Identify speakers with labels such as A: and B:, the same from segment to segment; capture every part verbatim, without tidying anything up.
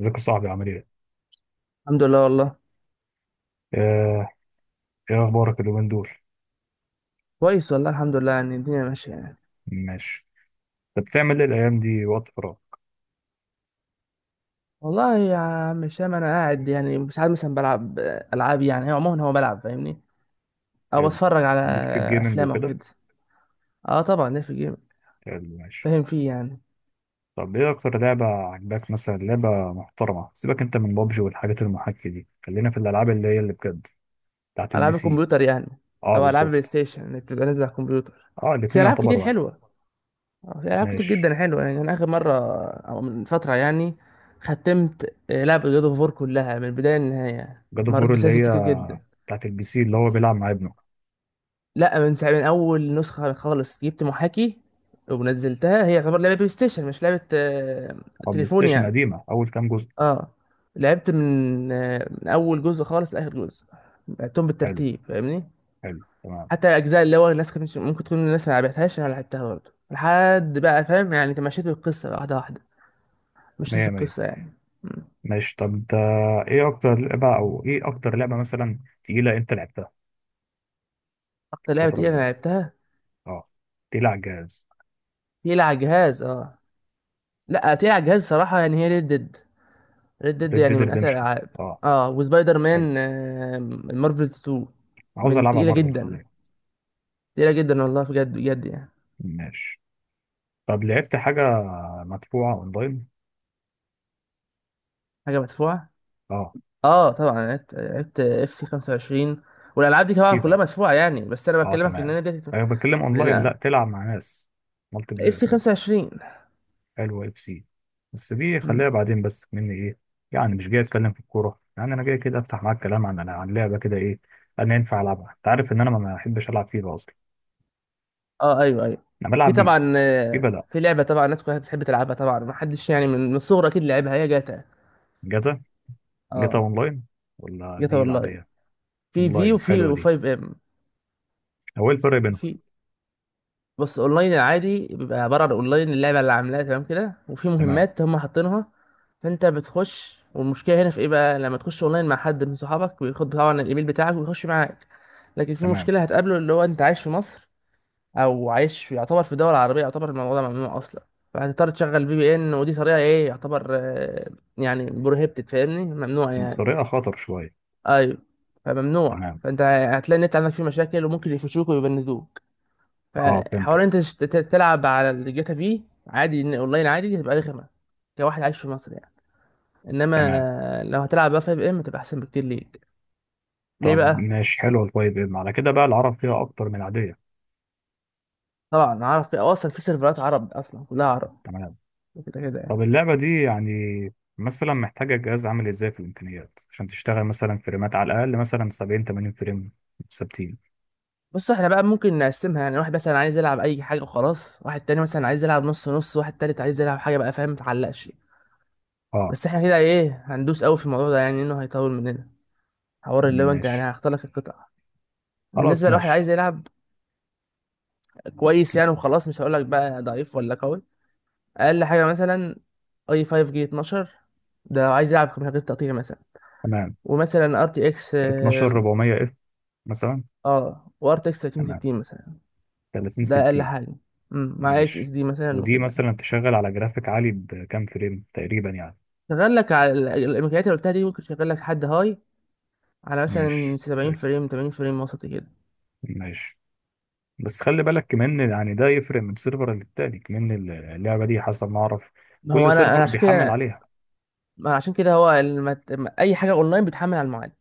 A: ازيك يا صاحبي؟ عامل ايه؟
B: الحمد لله والله.
A: آه، ايه اخبارك اليومين دول؟
B: كويس والله، الحمد لله، يعني الدنيا ماشية يعني.
A: ماشي. طب بتعمل ايه الايام دي وقت فراغ؟
B: والله يا عم شام أنا قاعد يعني ساعات مثلا بلعب ألعاب، يعني عموما هو بلعب فاهمني، أو
A: حلو.
B: بتفرج على
A: ليك في الجيمنج
B: أفلام أو
A: وكده؟
B: كده. أه طبعا ليه في الجيم،
A: حلو ماشي.
B: فاهم فيه يعني.
A: طب ايه اكتر لعبة عجباك مثلا، لعبة محترمة؟ سيبك انت من بابجي والحاجات المحاكية دي، خلينا في الالعاب اللي هي اللي بجد بتاعت البي
B: ألعاب
A: سي.
B: الكمبيوتر يعني،
A: اه
B: أو ألعاب بلاي
A: بالظبط.
B: ستيشن اللي بتبقى نازلة على الكمبيوتر.
A: اه
B: في
A: الاتنين
B: ألعاب
A: يعتبر
B: كتير
A: واحد.
B: حلوة. آه، في ألعاب كتير
A: ماشي.
B: جدا حلوة، يعني أنا آخر مرة أو من فترة يعني ختمت آه، لعبة جود أوف وور كلها من البداية للنهاية،
A: جاد اوف
B: مريت
A: وور اللي
B: بسلاسل كتير
A: هي
B: جدا.
A: بتاعت البي سي اللي هو بيلعب مع ابنه؟
B: لا، من ساعة، من اول نسخه خالص جبت محاكي ونزلتها، هي تعتبر لعبه بلاي ستيشن، مش لعبه آه،
A: اه بلاي
B: تليفون
A: ستيشن
B: يعني.
A: قديمة، اول كام جزء؟
B: اه لعبت من آه، من اول جزء خالص لاخر جزء، لعبتهم
A: حلو.
B: بالترتيب فاهمني.
A: حلو تمام.
B: حتى اجزاء اللي هو الناس كانت ممكن تكون الناس ما لعبتهاش، انا لعبتها برضه لحد بقى فاهم يعني، تمشيت بالقصه واحده واحده، مشيت في
A: مية.
B: القصه يعني. مم.
A: ماشي طب ده، ايه اكتر لعبة او ايه اكتر لعبة مثلا تقيلة انت لعبتها
B: اكتر لعبه
A: الفترة
B: تقيله
A: اللي
B: انا
A: فاتت؟
B: لعبتها،
A: اه، تقيلة على الجهاز.
B: تقيله على الجهاز اه. لا تقيله على الجهاز صراحه يعني هي ريد ديد. ريد ديد
A: ريد
B: يعني
A: ديد
B: من أسهل
A: ريدمشن.
B: الألعاب.
A: اه
B: اه، وسبايدر
A: حلو.
B: مان، آه، المارفلز اتنين،
A: عاوز
B: من
A: العبها
B: تقيلة
A: مارفلز
B: جدا،
A: دي.
B: تقيلة جدا والله، بجد بجد يعني.
A: ماشي. طب لعبت حاجة مدفوعة اونلاين؟
B: حاجة مدفوعة،
A: اه.
B: اه طبعا. أنا لعبت لعبت اف سي خمسة وعشرين، والألعاب دي طبعا كلها
A: فيفا.
B: مدفوعة يعني، بس أنا
A: اه
B: بكلمك إن
A: تمام.
B: أنا دي
A: انا بتكلم اونلاين، لا تلعب مع ناس مالتي
B: اف
A: بلاير
B: سي
A: كده.
B: خمسة وعشرين.
A: حلو اف سي. بس دي خليها
B: مم.
A: بعدين، بس مني ايه، يعني مش جاي اتكلم في الكورة، يعني انا جاي كده افتح معاك كلام عن عن لعبة كده، ايه انا ينفع العبها؟ انت عارف ان انا ما بحبش العب فيفا اصلا،
B: اه ايوه ايوه.
A: انا
B: في
A: بلعب
B: طبعا،
A: بيس. في
B: آه،
A: بدأ.
B: في لعبة طبعا الناس كلها بتحب تلعبها، طبعا ما حدش يعني من من الصغر أكيد لعبها، هي جاتا.
A: جاتا. جاتا
B: اه،
A: اونلاين ولا
B: جاتا
A: دي
B: والله.
A: العادية؟
B: في في
A: اونلاين حلوة
B: وفي
A: دي.
B: و5 ام.
A: هو إيه الفرق بينهم؟
B: في، بص، اونلاين العادي بيبقى عباره عن اونلاين اللعبه اللي عاملاها تمام كده، وفي
A: تمام.
B: مهمات هم حاطينها، فانت بتخش. والمشكله هنا في ايه بقى، لما تخش اونلاين مع حد من صحابك بياخد طبعا الايميل بتاعك ويخش معاك. لكن في
A: تمام.
B: مشكله هتقابله، اللي هو انت عايش في مصر، او عايش في، يعتبر في دول عربيه، يعتبر الموضوع ده ممنوع اصلا. فهتضطر تشغل في بي ان، ودي طريقه ايه يعتبر آه، يعني بروهيبتد فاهمني، ممنوع يعني.
A: طريقة خطر شوية.
B: ايوه، فممنوع.
A: تمام.
B: فانت هتلاقي النت عندك فيه مشاكل، وممكن يفشوك ويبندوك.
A: اه فهمتك.
B: فحوار انت تش- ت- تلعب على الجاتا في، عادي. ان اونلاين عادي دي هتبقى رخمه كواحد عايش في مصر يعني.
A: تمام.
B: انما لو هتلعب بقى في اف ام تبقى احسن بكتير ليك. ليه
A: طب
B: بقى؟
A: ماشي حلوة. طيب إيه؟ على كده بقى العرب فيها اكتر من العادية؟
B: طبعا عارف، في أو اصلا في سيرفرات عرب، اصلا كلها عرب
A: تمام.
B: كده كده
A: طب
B: يعني.
A: اللعبة دي يعني مثلا محتاجة جهاز عامل ازاي في الامكانيات عشان تشتغل مثلا فريمات على الاقل مثلا سبعين تمانين فريم ثابتين؟
B: بص احنا بقى ممكن نقسمها، يعني واحد مثلا عايز يلعب اي حاجه وخلاص، واحد تاني مثلا عايز يلعب نص نص، واحد تالت عايز يلعب حاجه بقى فاهم، متعلقش.
A: اه
B: بس احنا كده ايه، هندوس قوي في الموضوع ده يعني، انه هيطول مننا حوار اللي هو انت، يعني
A: ماشي.
B: هختار لك القطع.
A: خلاص
B: بالنسبه لواحد
A: ماشي.
B: عايز يلعب كويس يعني وخلاص، مش هقول لك بقى ضعيف ولا قوي. اقل حاجه مثلا اي خمسة جي اتناشر، ده لو عايز يلعب من غير تقطيع مثلا.
A: تمام.
B: ومثلا ار تي اكس اه،
A: اتناشر اربعمية اف مثلا.
B: آه، وار تي اكس
A: تمام.
B: ثلاثين ستين مثلا،
A: تلاتين
B: ده اقل
A: ستين.
B: حاجه. امم مع اس اس
A: ماشي.
B: دي مثلا
A: ودي
B: وكده يعني.
A: مثلا تشغل على جرافيك عالي بكام فريم تقريبا يعني؟
B: شغال لك على ال- الامكانيات اللي قلتها دي، ممكن تشغل لك حد هاي على مثلا
A: ماشي
B: سبعين
A: طيب.
B: فريم، تمانين فريم، وسط كده.
A: ماشي. بس خلي بالك كمان، يعني ده يفرق من سيرفر للتاني كمان. اللعبة دي حسب ما أعرف
B: ما هو
A: كل
B: انا انا
A: سيرفر
B: عشان
A: بيحمل
B: كده،
A: عليها.
B: ما عشان كده هو الم... اي حاجه اونلاين بتحمل على المعالج.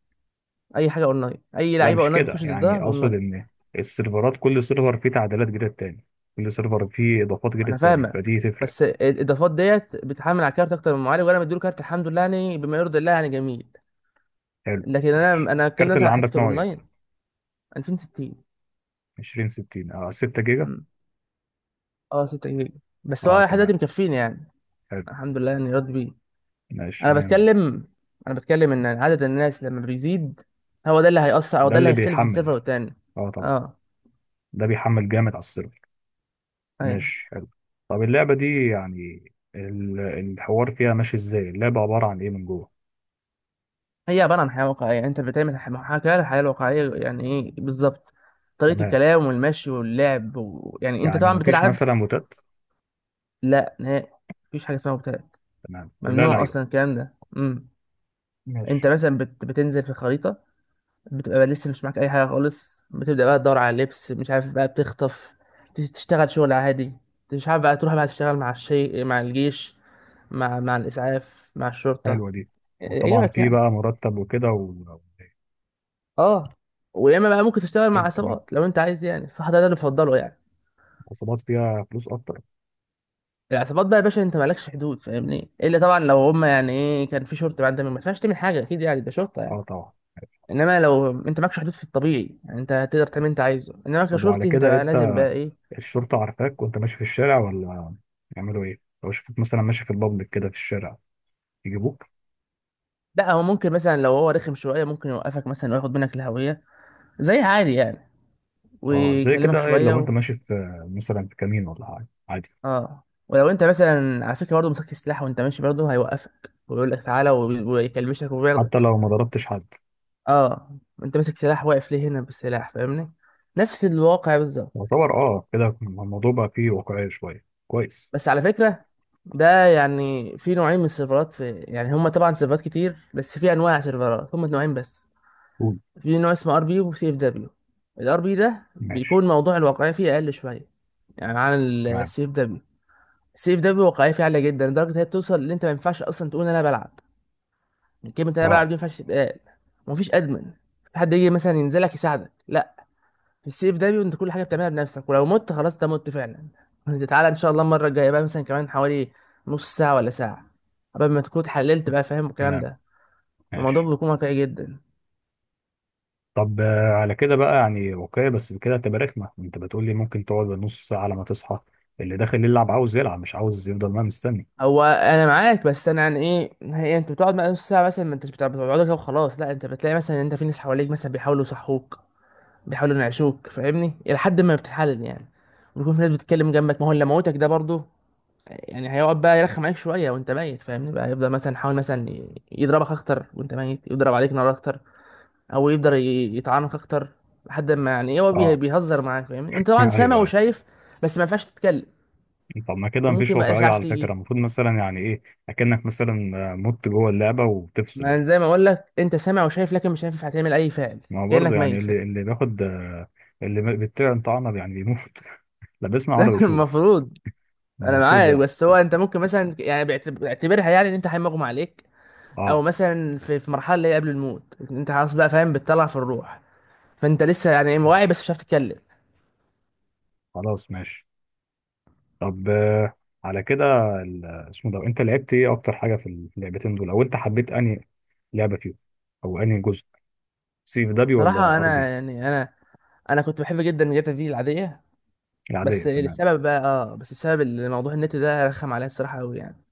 B: اي حاجه اونلاين، اي
A: لا
B: لعيبه
A: مش
B: اونلاين
A: كده،
B: بتخش ضدها
A: يعني أقصد
B: اونلاين.
A: إن السيرفرات كل سيرفر فيه تعديلات غير التاني، كل سيرفر فيه إضافات غير
B: انا
A: التاني،
B: فاهمك،
A: فدي تفرق.
B: بس الاضافات ديت بتحمل على كارت اكتر من معالج، وانا مديله كارت الحمد لله يعني، بما يرضي الله يعني، جميل.
A: حلو.
B: لكن
A: ماشي.
B: انا انا اتكلم
A: الكارت
B: مثلا
A: اللي
B: على
A: عندك
B: حته
A: نوع إيه؟
B: الاونلاين. عشرين ستين.
A: عشرين ستين؟ أه ستة جيجا.
B: مم. اه ستة جيجا، بس
A: أه
B: هو لحد دلوقتي
A: تمام.
B: مكفيني يعني،
A: حلو.
B: الحمد لله، يعني راضي بيه.
A: ماشي
B: انا
A: مية مية.
B: بتكلم، انا بتكلم ان عدد الناس لما بيزيد، هو ده اللي هيأثر، او
A: ده
B: ده اللي
A: اللي
B: هيختلف بين
A: بيحمل.
B: سيرفر والتاني.
A: أه طبعا.
B: اه،
A: ده بيحمل جامد على السيرفر.
B: ايوه.
A: ماشي حلو. طب اللعبة دي يعني ال- الحوار فيها ماشي ازاي؟ اللعبة عبارة عن ايه من جوه؟
B: هي عباره عن حياه واقعيه، يعني انت بتعمل ح- محاكاه للحياه الواقعيه. يعني ايه بالظبط؟ طريقه
A: تمام.
B: الكلام والمشي واللعب و... يعني انت
A: يعني
B: طبعا
A: مفيش
B: بتلعب.
A: مثلا موتات؟
B: لا نهائي، مفيش حاجه اسمها مبتدأ،
A: تمام كلها
B: ممنوع اصلا
A: لعيبة.
B: الكلام ده. امم انت
A: ماشي.
B: مثلا بت... بتنزل في الخريطه، بتبقى لسه مش معاك اي حاجه خالص، بتبدا بقى تدور على لبس، مش عارف بقى بتخطف، ت- تشتغل شغل عادي، مش عارف بقى تروح بقى تشتغل مع الشيء، مع الجيش، مع مع الاسعاف، مع الشرطه،
A: حلوة دي. وطبعا
B: يعجبك
A: في
B: يعني.
A: بقى مرتب وكده و...
B: اه، ويا اما بقى ممكن تشتغل مع
A: حلو تمام.
B: عصابات لو انت عايز، يعني الصح ده, ده اللي بفضله يعني.
A: عصابات فيها فلوس اكتر.
B: العصابات بقى يا باشا انت مالكش حدود فاهمني، الا طبعا لو هم، يعني ايه، كان في شرطه بقى انت ما ينفعش تعمل حاجه اكيد يعني، ده شرطه
A: اه
B: يعني.
A: طبعا.
B: انما لو انت معكش حدود في الطبيعي، يعني انت هتقدر تعمل اللي انت عايزه، انما
A: طب وعلى
B: كشرطي انت
A: كده
B: بقى
A: انت
B: لازم بقى ايه.
A: الشرطة عارفاك وانت ماشي في الشارع، ولا يعملوا ايه لو شافوك مثلا ماشي في البابليك كده في الشارع؟ يجيبوك؟
B: لا، هو ممكن مثلا لو هو رخم شويه، ممكن يوقفك مثلا وياخد منك الهويه، زي عادي يعني،
A: اه زي
B: ويكلمك
A: كده، ايه
B: شويه
A: لو
B: و...
A: انت ماشي في مثلا في كمين ولا حاجة عادي؟
B: اه. ولو انت مثلا على فكره برضه مسكت سلاح وانت ماشي، برضه هيوقفك ويقول لك تعالى، وي- ويكلبشك
A: حتى
B: وياخدك.
A: لو ما ضربتش حد؟
B: اه، انت ماسك سلاح واقف ليه هنا بالسلاح، فاهمني، نفس الواقع بالظبط.
A: يعتبر اه كده الموضوع بقى فيه واقعية شوية، كويس.
B: بس على فكره، ده يعني في نوعين من السيرفرات، في يعني هما طبعا سيرفرات كتير، بس في انواع سيرفرات هما نوعين بس.
A: قول.
B: في نوع اسمه ار بي، وسي اف دبليو. الار بي ده
A: ماشي.
B: بيكون موضوع الواقعيه فيه اقل شويه يعني عن
A: تمام.
B: السي اف دبليو. السي اف دبليو واقعيه فيه عاليه جدا، لدرجه إن هي بتوصل ان انت ما ينفعش اصلا تقول انا بلعب، يعني كلمه انا بلعب
A: اه
B: دي ما ينفعش تتقال. ومفيش ادمن، في حد يجي مثلا ينزلك يساعدك، لا. في السي اف دبليو انت كل حاجه بتعملها بنفسك، ولو مت خلاص انت مت فعلا انت تعالى ان شاء الله المره الجايه بقى مثلا كمان حوالي نص ساعه ولا ساعه، قبل ما تكون اتحللت بقى فاهم الكلام
A: تمام.
B: ده. الموضوع
A: ماشي.
B: بيكون واقعي جدا.
A: طب آه، على كده بقى يعني واقعية، بس كده هتبقى رخمة. انت بتقول لي ممكن تقعد نص ساعة على ما تصحى، اللي داخل يلعب عاوز يلعب، مش عاوز يفضل ما مستني.
B: هو انا معاك، بس انا يعني ايه، هي انت بتقعد بقى نص ساعه مثلا، ما انتش بتاع- بتقعد كده وخلاص؟ لا، انت بتلاقي مثلا إن انت في ناس حواليك مثلا بيحاولوا يصحوك، بيحاولوا ينعشوك، فاهمني، الى حد ما بتتحلل يعني. ويكون في ناس بتتكلم جنبك، ما هو اللي موتك ده برضه يعني هيقعد بقى يرخم عليك شويه وانت ميت، فاهمني، بقى يفضل مثلا يحاول مثلا ي- يضربك اكتر وانت ميت، يضرب عليك نار اكتر، او يقدر ي- يطعنك اكتر، لحد ما يعني ايه هو بيه-
A: اه
B: بيهزر معاك، فاهمني، انت طبعا
A: ايوه
B: سامع
A: ايوه.
B: وشايف بس ما ينفعش تتكلم.
A: طب ما كده مفيش
B: وممكن بقى
A: واقعية
B: اسعاف
A: على فكرة،
B: تيجي.
A: المفروض مثلا يعني ايه، اكنك مثلا آه، مت جوه اللعبة وبتفصل.
B: ما أنا زي ما اقول لك انت سامع وشايف، لكن مش عارف هتعمل اي فعل،
A: ما هو برضه
B: كانك
A: يعني
B: ميت فعلا.
A: اللي اللي بياخد آه، اللي بيطير طعنه يعني بيموت لا بيسمع ولا
B: ده
A: بيشوف.
B: المفروض.
A: ده
B: انا
A: المفروض
B: معاك،
A: يعني.
B: بس هو انت ممكن مثلا يعني بيعت- بيعتبرها يعني ان انت حي مغمى عليك، او
A: اه.
B: مثلا في في مرحله اللي هي قبل الموت انت خلاص بقى فاهم، بتطلع في الروح، فانت لسه يعني إيه، واعي بس مش عارف تتكلم.
A: خلاص ماشي. طب آه، على كده ال- اسمه ده، انت لعبت ايه اكتر حاجه في ال- في اللعبتين دول؟ او انت حبيت انهي لعبه فيهم او انهي جزء؟ سي في دبليو ولا
B: صراحه
A: ار
B: انا
A: بي؟
B: يعني، انا انا كنت بحب جدا جاتا في العاديه.
A: العاديه
B: بس
A: تمام.
B: لسبب بقى، اه، بس بسبب الموضوع النت ده رخم عليا الصراحه قوي يعني،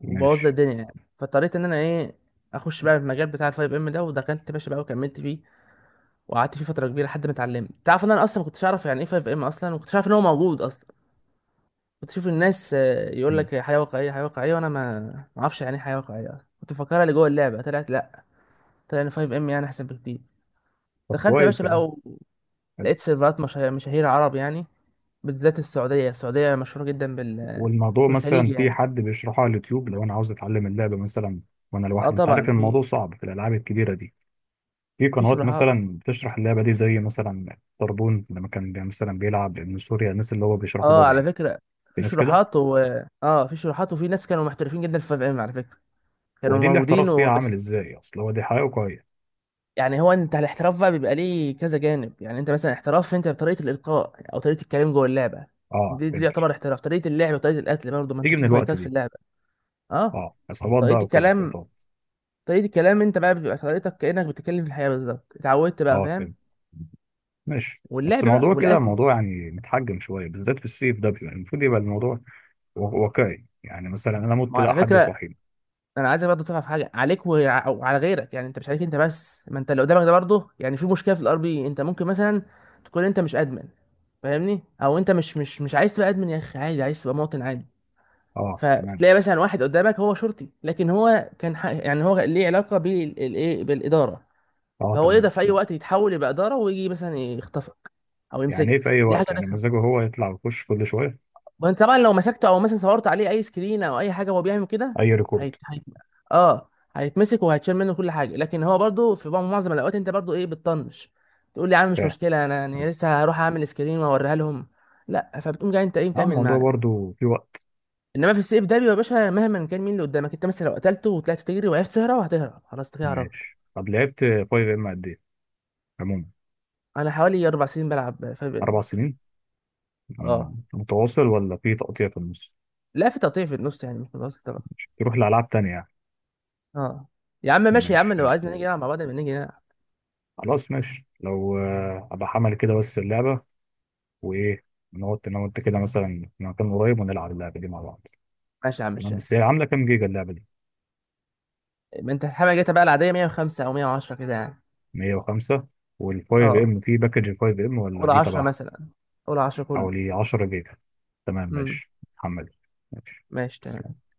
B: وبوظ لي
A: ماشي.
B: الدنيا يعني، فاضطريت ان انا ايه، اخش بقى في المجال بتاع الفايف ام ده. ودخلت يا باشا بقى وكملت فيه، وقعدت فيه فتره كبيره لحد ما اتعلمت. تعرف ان انا اصلا ما كنتش اعرف يعني ايه فايف ام اصلا، وما كنتش عارف ان هو موجود اصلا. كنت اشوف الناس آه، يقول
A: مم.
B: لك حياه واقعيه حياه واقعيه، وانا ما ما اعرفش يعني ايه حياه واقعيه أصلاً. كنت مفكرها اللي جوه اللعبه، طلعت لا، طلع ان فايف ام يعني احسن بكتير.
A: طب
B: دخلت يا
A: كويس
B: باشا
A: يا
B: بقى،
A: عم. حلو.
B: ولقيت سيرفرات مشا- مشاهير عرب يعني، بالذات السعوديه. السعوديه مشهوره جدا بال،
A: والموضوع
B: بالخليج
A: مثلا في
B: يعني.
A: حد بيشرحه على اليوتيوب لو انا عاوز اتعلم اللعبه مثلا وانا
B: اه
A: لوحدي؟ انت عارف
B: طبعا في،
A: الموضوع صعب في الالعاب الكبيره دي. في
B: في
A: قنوات
B: شروحات.
A: مثلا بتشرح اللعبه دي، زي مثلا طربون لما كان بي- مثلا بيلعب من سوريا، الناس اللي هو بيشرحوا
B: اه على
A: بابجي؟
B: فكره
A: في
B: في
A: ناس كده؟
B: شروحات و، اه، في شروحات وفي ناس كانوا محترفين جدا في فايف ام على فكره، كانوا
A: ودي اللي
B: موجودين
A: احتراف بيها عامل
B: وبس.
A: ازاي اصل هو دي حياه واقعيه؟
B: يعني هو انت الاحتراف بقى بيبقى ليه كذا جانب يعني، انت مثلا احتراف انت بطريقه الالقاء، او طريقه الكلام جوه اللعبه،
A: اه
B: دي, دي
A: فهمت.
B: يعتبر احتراف. طريقه اللعب وطريقه القتل برضه، ما انت
A: تيجي من
B: في
A: الوقت
B: فايتات في
A: دي.
B: اللعبه. اه،
A: اه عصابات بقى
B: طريقه
A: وكده
B: الكلام،
A: فايتات.
B: طريقه الكلام انت بقى بيبقى طريقتك كانك بتتكلم في الحياه بالظبط، اتعودت بقى
A: اه
B: فاهم.
A: فهمت. ماشي. بس
B: واللعب بقى
A: الموضوع كده
B: والقتل.
A: موضوع يعني متحجم شويه، بالذات في السيف ده بيبقى المفروض يبقى الموضوع و- واقعي، يعني مثلا انا مت
B: ما
A: لا
B: على
A: حد
B: فكره،
A: صاحيني.
B: انا عايزك برضه تعرف حاجه عليك وع- وعلى غيرك يعني، انت مش عليك انت بس، ما انت اللي قدامك ده برضه يعني في مشكله. في الار بي انت ممكن مثلا تكون انت مش ادمن فاهمني، او انت مش مش مش عايز تبقى ادمن يا اخي، عادي، عايز تبقى مواطن عادي.
A: اه تمام.
B: فتلاقي مثلا واحد قدامك هو شرطي، لكن هو كان ح... يعني هو ليه علاقه بالايه، بالاداره.
A: اه
B: فهو
A: تمام
B: يقدر في اي
A: فهمت.
B: وقت يتحول يبقى اداره، ويجي مثلا يخطفك او
A: يعني ايه في
B: يمسكك،
A: اي
B: دي حاجه
A: وقت؟ يعني
B: رخمه.
A: مزاجه هو يطلع ويخش كل شويه؟
B: وانت طبعا لو مسكته، او مثلا صورت عليه اي سكرين او اي حاجه وهو بيعمل كده،
A: اي ريكورد؟
B: هيت... هيت... اه هيتمسك وهيتشال منه كل حاجه. لكن هو برضو في بعض- معظم الاوقات انت برضو ايه بتطنش، تقول لي يا عم مش
A: فاهم.
B: مشكله، انا يعني لسه هروح اعمل سكرين واوريها لهم، لا. فبتقوم جاي انت ايه
A: اه
B: مكمل
A: الموضوع
B: معاه.
A: برضو في وقت.
B: انما في السيف ده بيبقى يا باشا مهما كان مين اللي قدامك، انت مثلا لو قتلته وطلعت تجري وعرفت تهرب، هتهرب، خلاص انت كده هربت.
A: ماشي. طب لعبت فايف ام قد ايه عموما؟
B: انا حوالي اربع سنين بلعب
A: اربع
B: فاهم.
A: سنين.
B: اه،
A: مم. متواصل ولا في تقطيع في النص؟
B: لا في تقطيع في النص، يعني مش متواصل طبعا.
A: تروح لألعاب تانية يعني.
B: اه يا عم ماشي، يا عم
A: ماشي
B: لو
A: حلو.
B: عايز نيجي نلعب مع بعض نبقى نيجي نلعب.
A: خلاص ماشي. لو آه، أبقى حمل كده بس اللعبة، وإيه، نقعد أنا وأنت كده مثلا في مكان قريب ونلعب اللعبة دي مع بعض.
B: ماشي يا عم
A: تمام.
B: ماشي.
A: بس هي عاملة كام جيجا اللعبة دي؟
B: ما انت الحاجه جاتا بقى العاديه مئة وخمسة او مئة وعشرة كده يعني.
A: مية وخمسة. وال فايف
B: اه،
A: ام في باكج ال خمسة ام، ولا
B: اولى
A: دي
B: عشرة
A: تبعها؟
B: مثلا، اولى عشرة كله.
A: حوالي عشرة جيجا. تمام
B: امم
A: ماشي حمل. ماشي.
B: ماشي تمام.
A: تسلم.